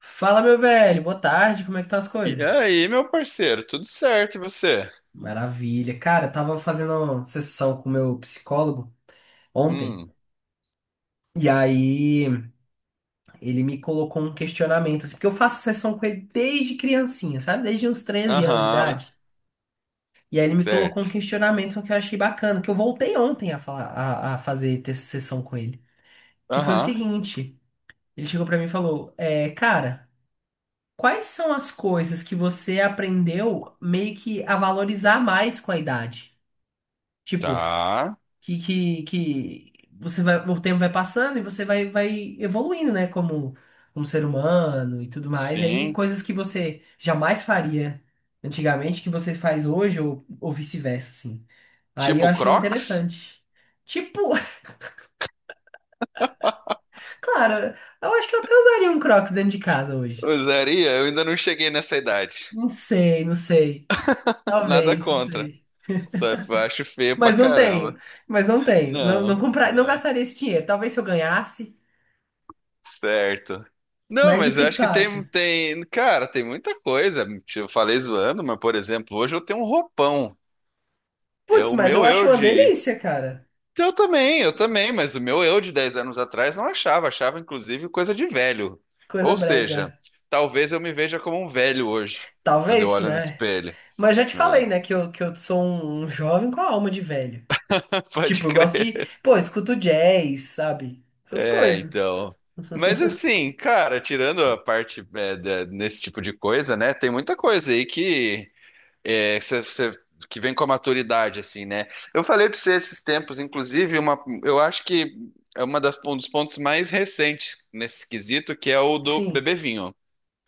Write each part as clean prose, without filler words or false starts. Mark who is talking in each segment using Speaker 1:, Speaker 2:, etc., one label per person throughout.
Speaker 1: Fala, meu velho, boa tarde, como é que estão as
Speaker 2: E
Speaker 1: coisas?
Speaker 2: aí, meu parceiro, tudo certo e você?
Speaker 1: Maravilha. Cara, eu tava fazendo uma sessão com o meu psicólogo ontem,
Speaker 2: Hum,
Speaker 1: e aí ele me colocou um questionamento, assim, porque eu faço sessão com ele desde criancinha, sabe? Desde uns 13 anos de
Speaker 2: aham,
Speaker 1: idade. E aí ele me colocou um
Speaker 2: certo.
Speaker 1: questionamento que eu achei bacana, que eu voltei ontem a falar, a fazer ter sessão com ele, que foi o
Speaker 2: Aham,
Speaker 1: seguinte, ele chegou pra mim e falou, cara, quais são as coisas que você aprendeu meio que a valorizar mais com a idade? Tipo,
Speaker 2: tá,
Speaker 1: que você vai, o tempo vai passando e você vai evoluindo, né? Como ser humano e tudo mais. E aí,
Speaker 2: sim.
Speaker 1: coisas que você jamais faria antigamente, que você faz hoje, ou vice-versa, assim. Aí eu
Speaker 2: Tipo
Speaker 1: achei
Speaker 2: Crocs?
Speaker 1: interessante. Tipo, claro, eu acho que eu até usaria um Crocs dentro de casa hoje.
Speaker 2: Usaria? Eu ainda não cheguei nessa idade.
Speaker 1: Não sei, não sei.
Speaker 2: Nada
Speaker 1: Talvez, não
Speaker 2: contra.
Speaker 1: sei.
Speaker 2: Só que eu acho feio pra
Speaker 1: Mas não tenho.
Speaker 2: caramba.
Speaker 1: Mas não tenho. Não, não
Speaker 2: Não,
Speaker 1: comprar, não
Speaker 2: não.
Speaker 1: gastaria esse dinheiro. Talvez se eu ganhasse.
Speaker 2: Certo. Não,
Speaker 1: Mas o
Speaker 2: mas eu
Speaker 1: que que
Speaker 2: acho
Speaker 1: tu
Speaker 2: que tem,
Speaker 1: acha?
Speaker 2: tem, cara, tem muita coisa. Eu falei zoando, mas, por exemplo, hoje eu tenho um roupão. É
Speaker 1: Putz,
Speaker 2: o
Speaker 1: mas eu
Speaker 2: meu
Speaker 1: acho
Speaker 2: eu
Speaker 1: uma
Speaker 2: de
Speaker 1: delícia, cara.
Speaker 2: Eu também, mas o meu eu de 10 anos atrás não achava, achava inclusive coisa de velho.
Speaker 1: Coisa
Speaker 2: Ou
Speaker 1: brega.
Speaker 2: seja, talvez eu me veja como um velho hoje, quando eu
Speaker 1: Talvez,
Speaker 2: olho no
Speaker 1: né?
Speaker 2: espelho.
Speaker 1: Mas já te falei,
Speaker 2: É.
Speaker 1: né, que eu sou um jovem com a alma de velho.
Speaker 2: Pode
Speaker 1: Tipo, eu gosto de.
Speaker 2: crer.
Speaker 1: Pô, eu escuto jazz, sabe? Essas
Speaker 2: É,
Speaker 1: coisas.
Speaker 2: então. Mas assim, cara, tirando a parte nesse tipo de coisa, né? Tem muita coisa aí que É, que você- você- que vem com a maturidade, assim, né? Eu falei pra você esses tempos, inclusive, eu acho que é uma das, um dos pontos mais recentes nesse quesito, que é o do
Speaker 1: Sim.
Speaker 2: beber vinho.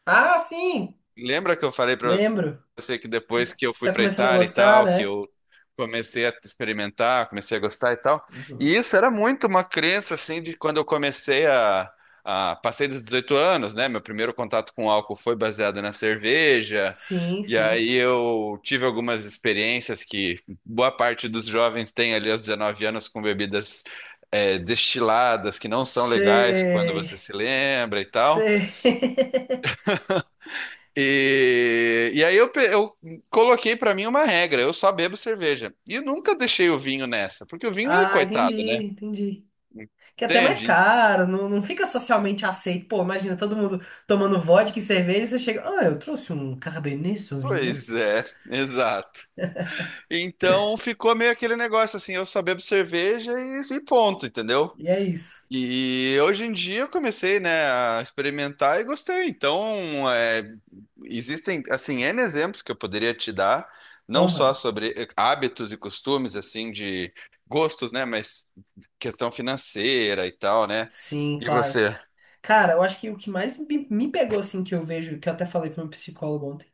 Speaker 1: Ah, sim!
Speaker 2: Lembra que eu falei pra
Speaker 1: Lembro.
Speaker 2: Eu sei que
Speaker 1: Você
Speaker 2: depois que eu
Speaker 1: você
Speaker 2: fui
Speaker 1: tá
Speaker 2: para
Speaker 1: começando a
Speaker 2: Itália e
Speaker 1: gostar,
Speaker 2: tal, que
Speaker 1: né?
Speaker 2: eu comecei a experimentar, comecei a gostar e tal. E
Speaker 1: Uhum.
Speaker 2: isso era muito uma crença assim de quando eu comecei a passei dos 18 anos, né? Meu primeiro contato com álcool foi baseado na cerveja.
Speaker 1: Sim,
Speaker 2: E
Speaker 1: sim.
Speaker 2: aí eu tive algumas experiências que boa parte dos jovens tem ali aos 19 anos com bebidas destiladas que não são legais quando
Speaker 1: Sei.
Speaker 2: você se lembra e tal.
Speaker 1: Sei.
Speaker 2: E aí eu coloquei pra mim uma regra, eu só bebo cerveja. E eu nunca deixei o vinho nessa, porque o vinho é
Speaker 1: Ah, entendi,
Speaker 2: coitado, né?
Speaker 1: entendi. Que é até mais
Speaker 2: Entende?
Speaker 1: caro, não, não fica socialmente aceito. Pô, imagina todo mundo tomando vodka e cerveja, e você chega, ah, eu trouxe um Cabernet Sauvignon.
Speaker 2: Pois é, exato. Então ficou meio aquele negócio assim, eu só bebo cerveja e ponto, entendeu?
Speaker 1: E é isso.
Speaker 2: E hoje em dia eu comecei, né, a experimentar e gostei. Então, existem, assim, N exemplos que eu poderia te dar, não só
Speaker 1: Aham.
Speaker 2: sobre hábitos e costumes, assim, de gostos, né, mas questão financeira e tal, né?
Speaker 1: Sim,
Speaker 2: E
Speaker 1: claro.
Speaker 2: você?
Speaker 1: Cara, eu acho que o que mais me pegou, assim, que eu vejo, que eu até falei para um psicólogo ontem,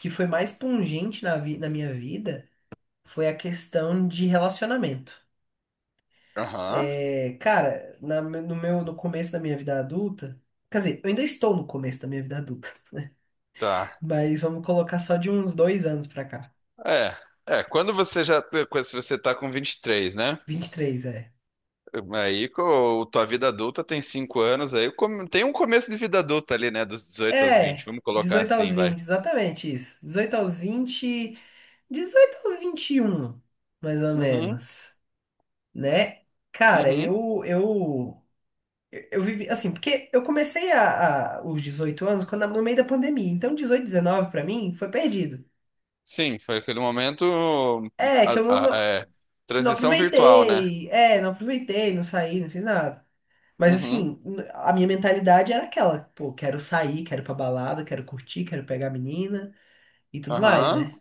Speaker 1: que foi mais pungente na minha vida, foi a questão de relacionamento.
Speaker 2: Aham,
Speaker 1: É, cara, no começo da minha vida adulta, quer dizer, eu ainda estou no começo da minha vida adulta,
Speaker 2: tá.
Speaker 1: mas vamos colocar só de uns 2 anos pra cá.
Speaker 2: É, é, quando você já, quando se você tá com 23, né?
Speaker 1: 23 é.
Speaker 2: Aí, com tua vida adulta tem 5 anos, aí tem um começo de vida adulta ali, né, dos 18 aos 20.
Speaker 1: É,
Speaker 2: Vamos colocar
Speaker 1: 18 aos
Speaker 2: assim, vai.
Speaker 1: 20, exatamente isso. 18 aos 20, 18 aos 21, mais ou
Speaker 2: Uhum.
Speaker 1: menos, né? Cara,
Speaker 2: Uhum.
Speaker 1: eu vivi assim, porque eu comecei os 18 anos quando no meio da pandemia. Então 18 19 pra mim foi perdido.
Speaker 2: Sim, foi aquele momento.
Speaker 1: É, que
Speaker 2: a-
Speaker 1: eu não,
Speaker 2: a-
Speaker 1: não,
Speaker 2: é,
Speaker 1: não
Speaker 2: Transição virtual, né?
Speaker 1: aproveitei. É, não aproveitei, não saí, não fiz nada. Mas
Speaker 2: Uhum.
Speaker 1: assim, a minha mentalidade era aquela, pô, quero sair, quero ir pra balada, quero curtir, quero pegar a menina e tudo mais,
Speaker 2: Aham.
Speaker 1: né?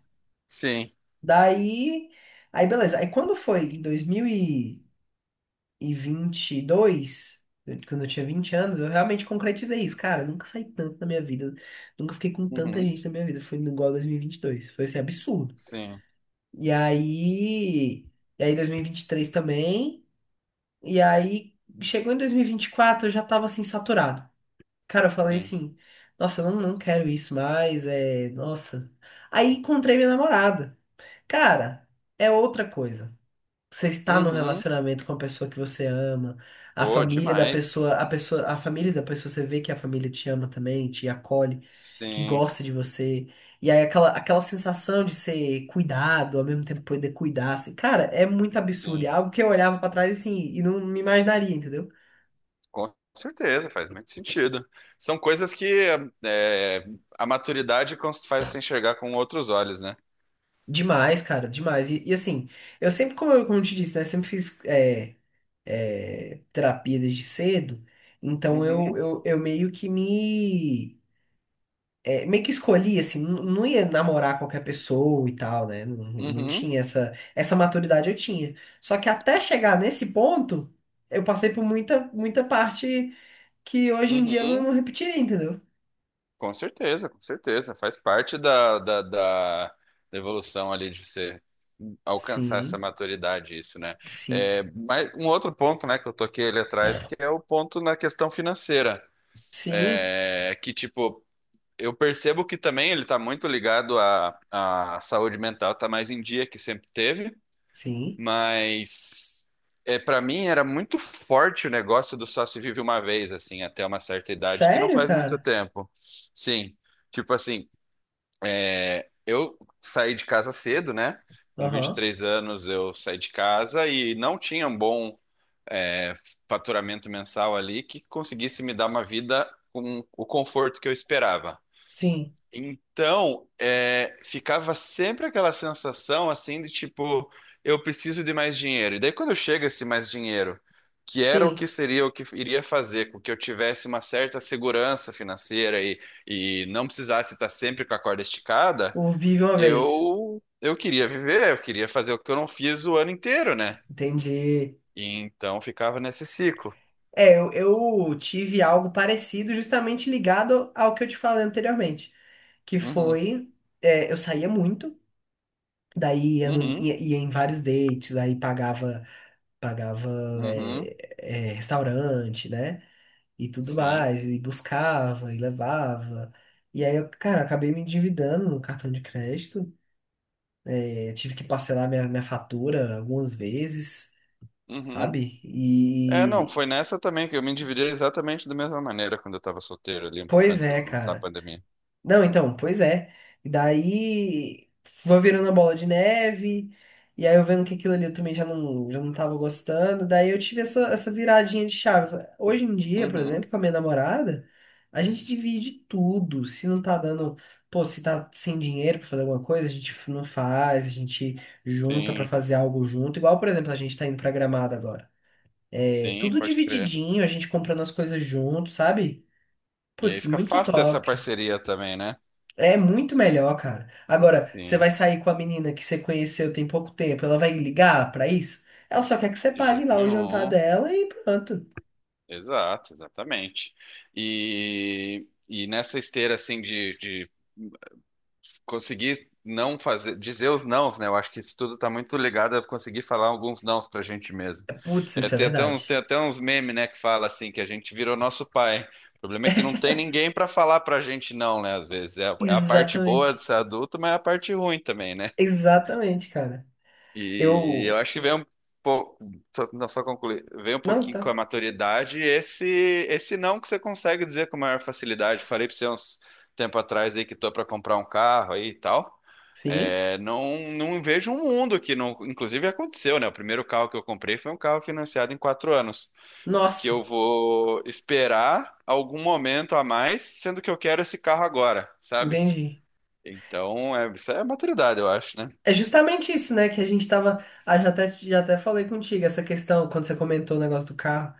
Speaker 2: Sim.
Speaker 1: Daí, aí beleza. Aí quando foi em 2022, quando eu tinha 20 anos, eu realmente concretizei isso. Cara, eu nunca saí tanto na minha vida, nunca fiquei com tanta
Speaker 2: Uhum.
Speaker 1: gente na minha vida. Foi igual a 2022, foi assim, absurdo.
Speaker 2: Sim.
Speaker 1: E aí, dois mil e vinte e três também, e aí chegou em dois mil e vinte e quatro, eu já tava assim, saturado. Cara, eu falei
Speaker 2: Sim.
Speaker 1: assim, nossa, eu não quero isso mais, nossa. Aí encontrei minha namorada. Cara, é outra coisa. Você está num
Speaker 2: Uhum.
Speaker 1: relacionamento com a pessoa que você ama, a
Speaker 2: Pô,
Speaker 1: família da
Speaker 2: demais.
Speaker 1: pessoa, a pessoa, a família da pessoa, você vê que a família te ama também, te acolhe, que
Speaker 2: Sim,
Speaker 1: gosta de você. E aí aquela sensação de ser cuidado, ao mesmo tempo poder cuidar, assim, cara, é muito absurdo. É
Speaker 2: sim.
Speaker 1: algo que eu olhava pra trás assim e não me imaginaria, entendeu?
Speaker 2: Com certeza, faz muito sentido. São coisas que é, a maturidade faz você enxergar com outros olhos, né?
Speaker 1: Demais, cara, demais. Assim, eu sempre, como eu te disse, né, sempre fiz terapia desde cedo, então eu,
Speaker 2: Uhum.
Speaker 1: eu, eu meio que escolhi, assim, não ia namorar qualquer pessoa e tal, né? Não, não
Speaker 2: Uhum.
Speaker 1: tinha essa maturidade eu tinha. Só que até chegar nesse ponto, eu passei por muita, muita parte que hoje em dia eu não,
Speaker 2: Uhum.
Speaker 1: não repetiria, entendeu?
Speaker 2: Com certeza, com certeza. Faz parte da evolução ali de você alcançar essa
Speaker 1: Sim,
Speaker 2: maturidade, isso, né?
Speaker 1: sim,
Speaker 2: É, mas um outro ponto, né, que eu toquei ali atrás, que é o ponto na questão financeira.
Speaker 1: sim,
Speaker 2: É que, tipo, eu percebo que também ele tá muito ligado à saúde mental, tá mais em dia que sempre teve,
Speaker 1: sim.
Speaker 2: mas para mim era muito forte o negócio do só se vive uma vez, assim, até uma certa idade, que não
Speaker 1: Sério,
Speaker 2: faz muito
Speaker 1: cara?
Speaker 2: tempo. Sim. Tipo assim, eu saí de casa cedo, né? Com vinte e
Speaker 1: Aham.
Speaker 2: três anos eu saí de casa e não tinha um bom é, faturamento mensal ali que conseguisse me dar uma vida com o conforto que eu esperava.
Speaker 1: Sim,
Speaker 2: Então, ficava sempre aquela sensação assim de tipo, eu preciso de mais dinheiro. E daí quando chega esse mais dinheiro, que era o que
Speaker 1: sim.
Speaker 2: seria o que iria fazer com que eu tivesse uma certa segurança financeira e não precisasse estar sempre com a corda esticada,
Speaker 1: O Vive uma vez.
Speaker 2: eu queria viver, eu queria fazer o que eu não fiz o ano inteiro, né?
Speaker 1: Entendi.
Speaker 2: E então ficava nesse ciclo.
Speaker 1: É, eu tive algo parecido justamente ligado ao que eu te falei anteriormente, que
Speaker 2: Uhum,
Speaker 1: foi, eu saía muito, daí ia, no-
Speaker 2: uhum,
Speaker 1: ia- ia em vários dates, aí pagava
Speaker 2: uhum,
Speaker 1: é, restaurante, né? E tudo
Speaker 2: sim,
Speaker 1: mais, e buscava, e levava. E aí, eu, cara, acabei me endividando no cartão de crédito. Eu tive que parcelar minha fatura algumas vezes,
Speaker 2: uhum.
Speaker 1: sabe?
Speaker 2: É, não, foi nessa também que eu me endividei exatamente da mesma maneira quando eu estava solteiro ali,
Speaker 1: Pois
Speaker 2: antes de
Speaker 1: é,
Speaker 2: começar a
Speaker 1: cara.
Speaker 2: pandemia.
Speaker 1: Não, então, pois é. E daí foi virando a bola de neve, e aí eu vendo que aquilo ali eu também já não tava gostando. Daí eu tive essa viradinha de chave. Hoje em dia, por
Speaker 2: Uhum,
Speaker 1: exemplo, com a minha namorada, a gente divide tudo. Se não tá dando, pô, se tá sem dinheiro pra fazer alguma coisa, a gente não faz, a gente junta pra
Speaker 2: sim,
Speaker 1: fazer algo junto. Igual, por exemplo, a gente tá indo pra Gramado agora. É
Speaker 2: sim,
Speaker 1: tudo
Speaker 2: pode crer.
Speaker 1: divididinho, a gente comprando as coisas junto, sabe?
Speaker 2: E aí
Speaker 1: Putz,
Speaker 2: fica
Speaker 1: muito
Speaker 2: fácil ter essa
Speaker 1: top.
Speaker 2: parceria também, né?
Speaker 1: É muito melhor, cara. Agora, você
Speaker 2: Sim,
Speaker 1: vai sair com a menina que você conheceu tem pouco tempo, ela vai ligar pra isso? Ela só quer que você
Speaker 2: de
Speaker 1: pague
Speaker 2: jeito
Speaker 1: lá o jantar
Speaker 2: nenhum.
Speaker 1: dela e pronto.
Speaker 2: Exato, exatamente. E nessa esteira assim de conseguir não fazer, dizer os nãos, né? Eu acho que isso tudo tá muito ligado a conseguir falar alguns nãos pra gente mesmo.
Speaker 1: Putz,
Speaker 2: É,
Speaker 1: isso é
Speaker 2: tem até uns, tem
Speaker 1: verdade.
Speaker 2: até uns memes, né, que fala assim, que a gente virou nosso pai. O problema é que não tem ninguém pra falar pra gente não, né? Às vezes é a parte boa de
Speaker 1: Exatamente.
Speaker 2: ser adulto, mas é a parte ruim também, né?
Speaker 1: Exatamente, cara.
Speaker 2: E eu
Speaker 1: Eu.
Speaker 2: acho que vem um pouco, só, não, só concluir, vem um
Speaker 1: Não,
Speaker 2: pouquinho com
Speaker 1: tá.
Speaker 2: a maturidade, esse não que você consegue dizer com maior facilidade. Falei para você uns tempo atrás aí que tô para comprar um carro aí e tal.
Speaker 1: Sim.
Speaker 2: É, não, não vejo um mundo que não, inclusive aconteceu, né? O primeiro carro que eu comprei foi um carro financiado em 4 anos, que eu
Speaker 1: Nossa,
Speaker 2: vou esperar algum momento a mais, sendo que eu quero esse carro agora, sabe?
Speaker 1: entendi.
Speaker 2: Então, isso é maturidade, eu acho, né?
Speaker 1: É justamente isso, né? Que a gente tava. Ah, já até falei contigo, essa questão, quando você comentou o negócio do carro.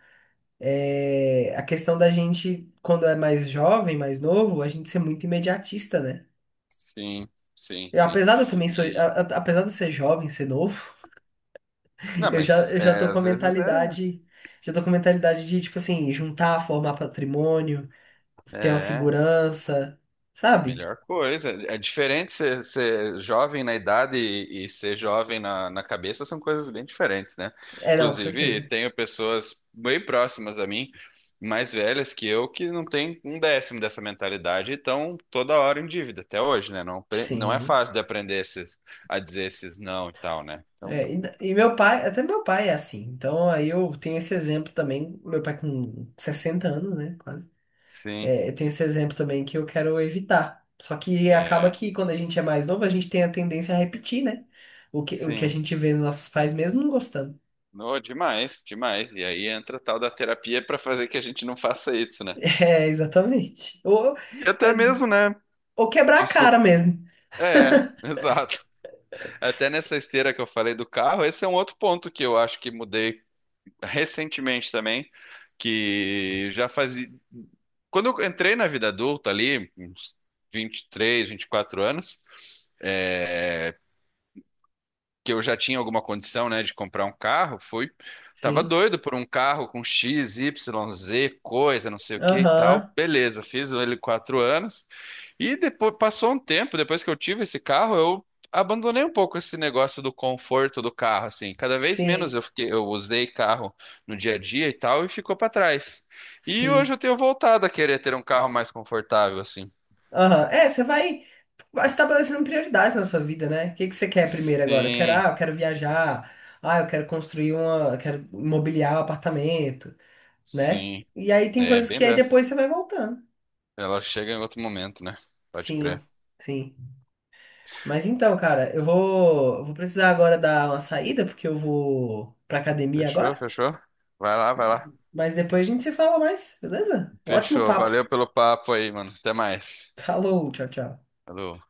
Speaker 1: A questão da gente, quando é mais jovem, mais novo, a gente ser muito imediatista, né?
Speaker 2: Sim, sim,
Speaker 1: Eu,
Speaker 2: sim.
Speaker 1: apesar de eu também sou,
Speaker 2: E
Speaker 1: a- apesar de eu ser jovem, ser novo,
Speaker 2: não,
Speaker 1: eu já,
Speaker 2: mas
Speaker 1: eu já tô com a
Speaker 2: às vezes é,
Speaker 1: mentalidade de, tipo assim, juntar, formar patrimônio, ter uma
Speaker 2: é
Speaker 1: segurança, sabe?
Speaker 2: melhor coisa. É diferente ser jovem na idade e ser jovem na cabeça são coisas bem diferentes, né?
Speaker 1: É, não, com
Speaker 2: Inclusive,
Speaker 1: certeza.
Speaker 2: tenho pessoas bem próximas a mim, mais velhas que eu, que não têm um décimo dessa mentalidade e estão toda hora em dívida, até hoje, né? Não, não é
Speaker 1: Sim.
Speaker 2: fácil de aprender a dizer esses não e tal, né? Então,
Speaker 1: É, e meu pai, até meu pai é assim. Então aí eu tenho esse exemplo também, meu pai com 60 anos, né, quase.
Speaker 2: sim,
Speaker 1: É, eu tenho esse exemplo também que eu quero evitar. Só que acaba
Speaker 2: é,
Speaker 1: que quando a gente é mais novo, a gente tem a tendência a repetir, né? O que a
Speaker 2: sim.
Speaker 1: gente vê nos nossos pais mesmo não gostando.
Speaker 2: No, demais, demais. E aí entra a tal da terapia pra fazer que a gente não faça isso, né?
Speaker 1: É, exatamente.
Speaker 2: E até
Speaker 1: É,
Speaker 2: mesmo, né?
Speaker 1: ou quebrar a
Speaker 2: Desculpa.
Speaker 1: cara mesmo.
Speaker 2: É, exato. Até nessa esteira que eu falei do carro, esse é um outro ponto que eu acho que mudei recentemente também, que já fazia. Quando eu entrei na vida adulta ali, uns 23, 24 anos, que eu já tinha alguma condição, né, de comprar um carro, foi, tava
Speaker 1: Sim.
Speaker 2: doido por um carro com X, Y, Z, coisa, não sei o que e
Speaker 1: Aham.
Speaker 2: tal. Beleza, fiz ele 4 anos e depois passou um tempo, depois que eu tive esse carro, eu abandonei um pouco esse negócio do conforto do carro, assim. Cada vez menos
Speaker 1: Sim.
Speaker 2: eu fiquei, eu usei carro no dia a dia e tal e ficou para trás. E
Speaker 1: Sim.
Speaker 2: hoje eu tenho voltado a querer ter um carro mais confortável, assim.
Speaker 1: Aham. É, você vai estabelecendo prioridades na sua vida, né? O que que você quer primeiro agora? Eu quero,
Speaker 2: Sim,
Speaker 1: ah, eu quero viajar. Ah, eu quero construir uma. Eu quero mobiliar o apartamento, né?
Speaker 2: sim.
Speaker 1: E aí tem
Speaker 2: É
Speaker 1: coisas
Speaker 2: bem
Speaker 1: que aí
Speaker 2: dessa.
Speaker 1: depois você vai voltando.
Speaker 2: Ela chega em outro momento, né? Pode
Speaker 1: Sim.
Speaker 2: crer.
Speaker 1: Sim. Mas então, cara, eu vou precisar agora dar uma saída, porque eu vou pra academia
Speaker 2: Fechou,
Speaker 1: agora.
Speaker 2: fechou? Vai lá, vai lá.
Speaker 1: Mas depois a gente se fala mais, beleza? Ótimo
Speaker 2: Fechou.
Speaker 1: papo.
Speaker 2: Valeu pelo papo aí, mano. Até mais.
Speaker 1: Falou, tchau, tchau.
Speaker 2: Falou.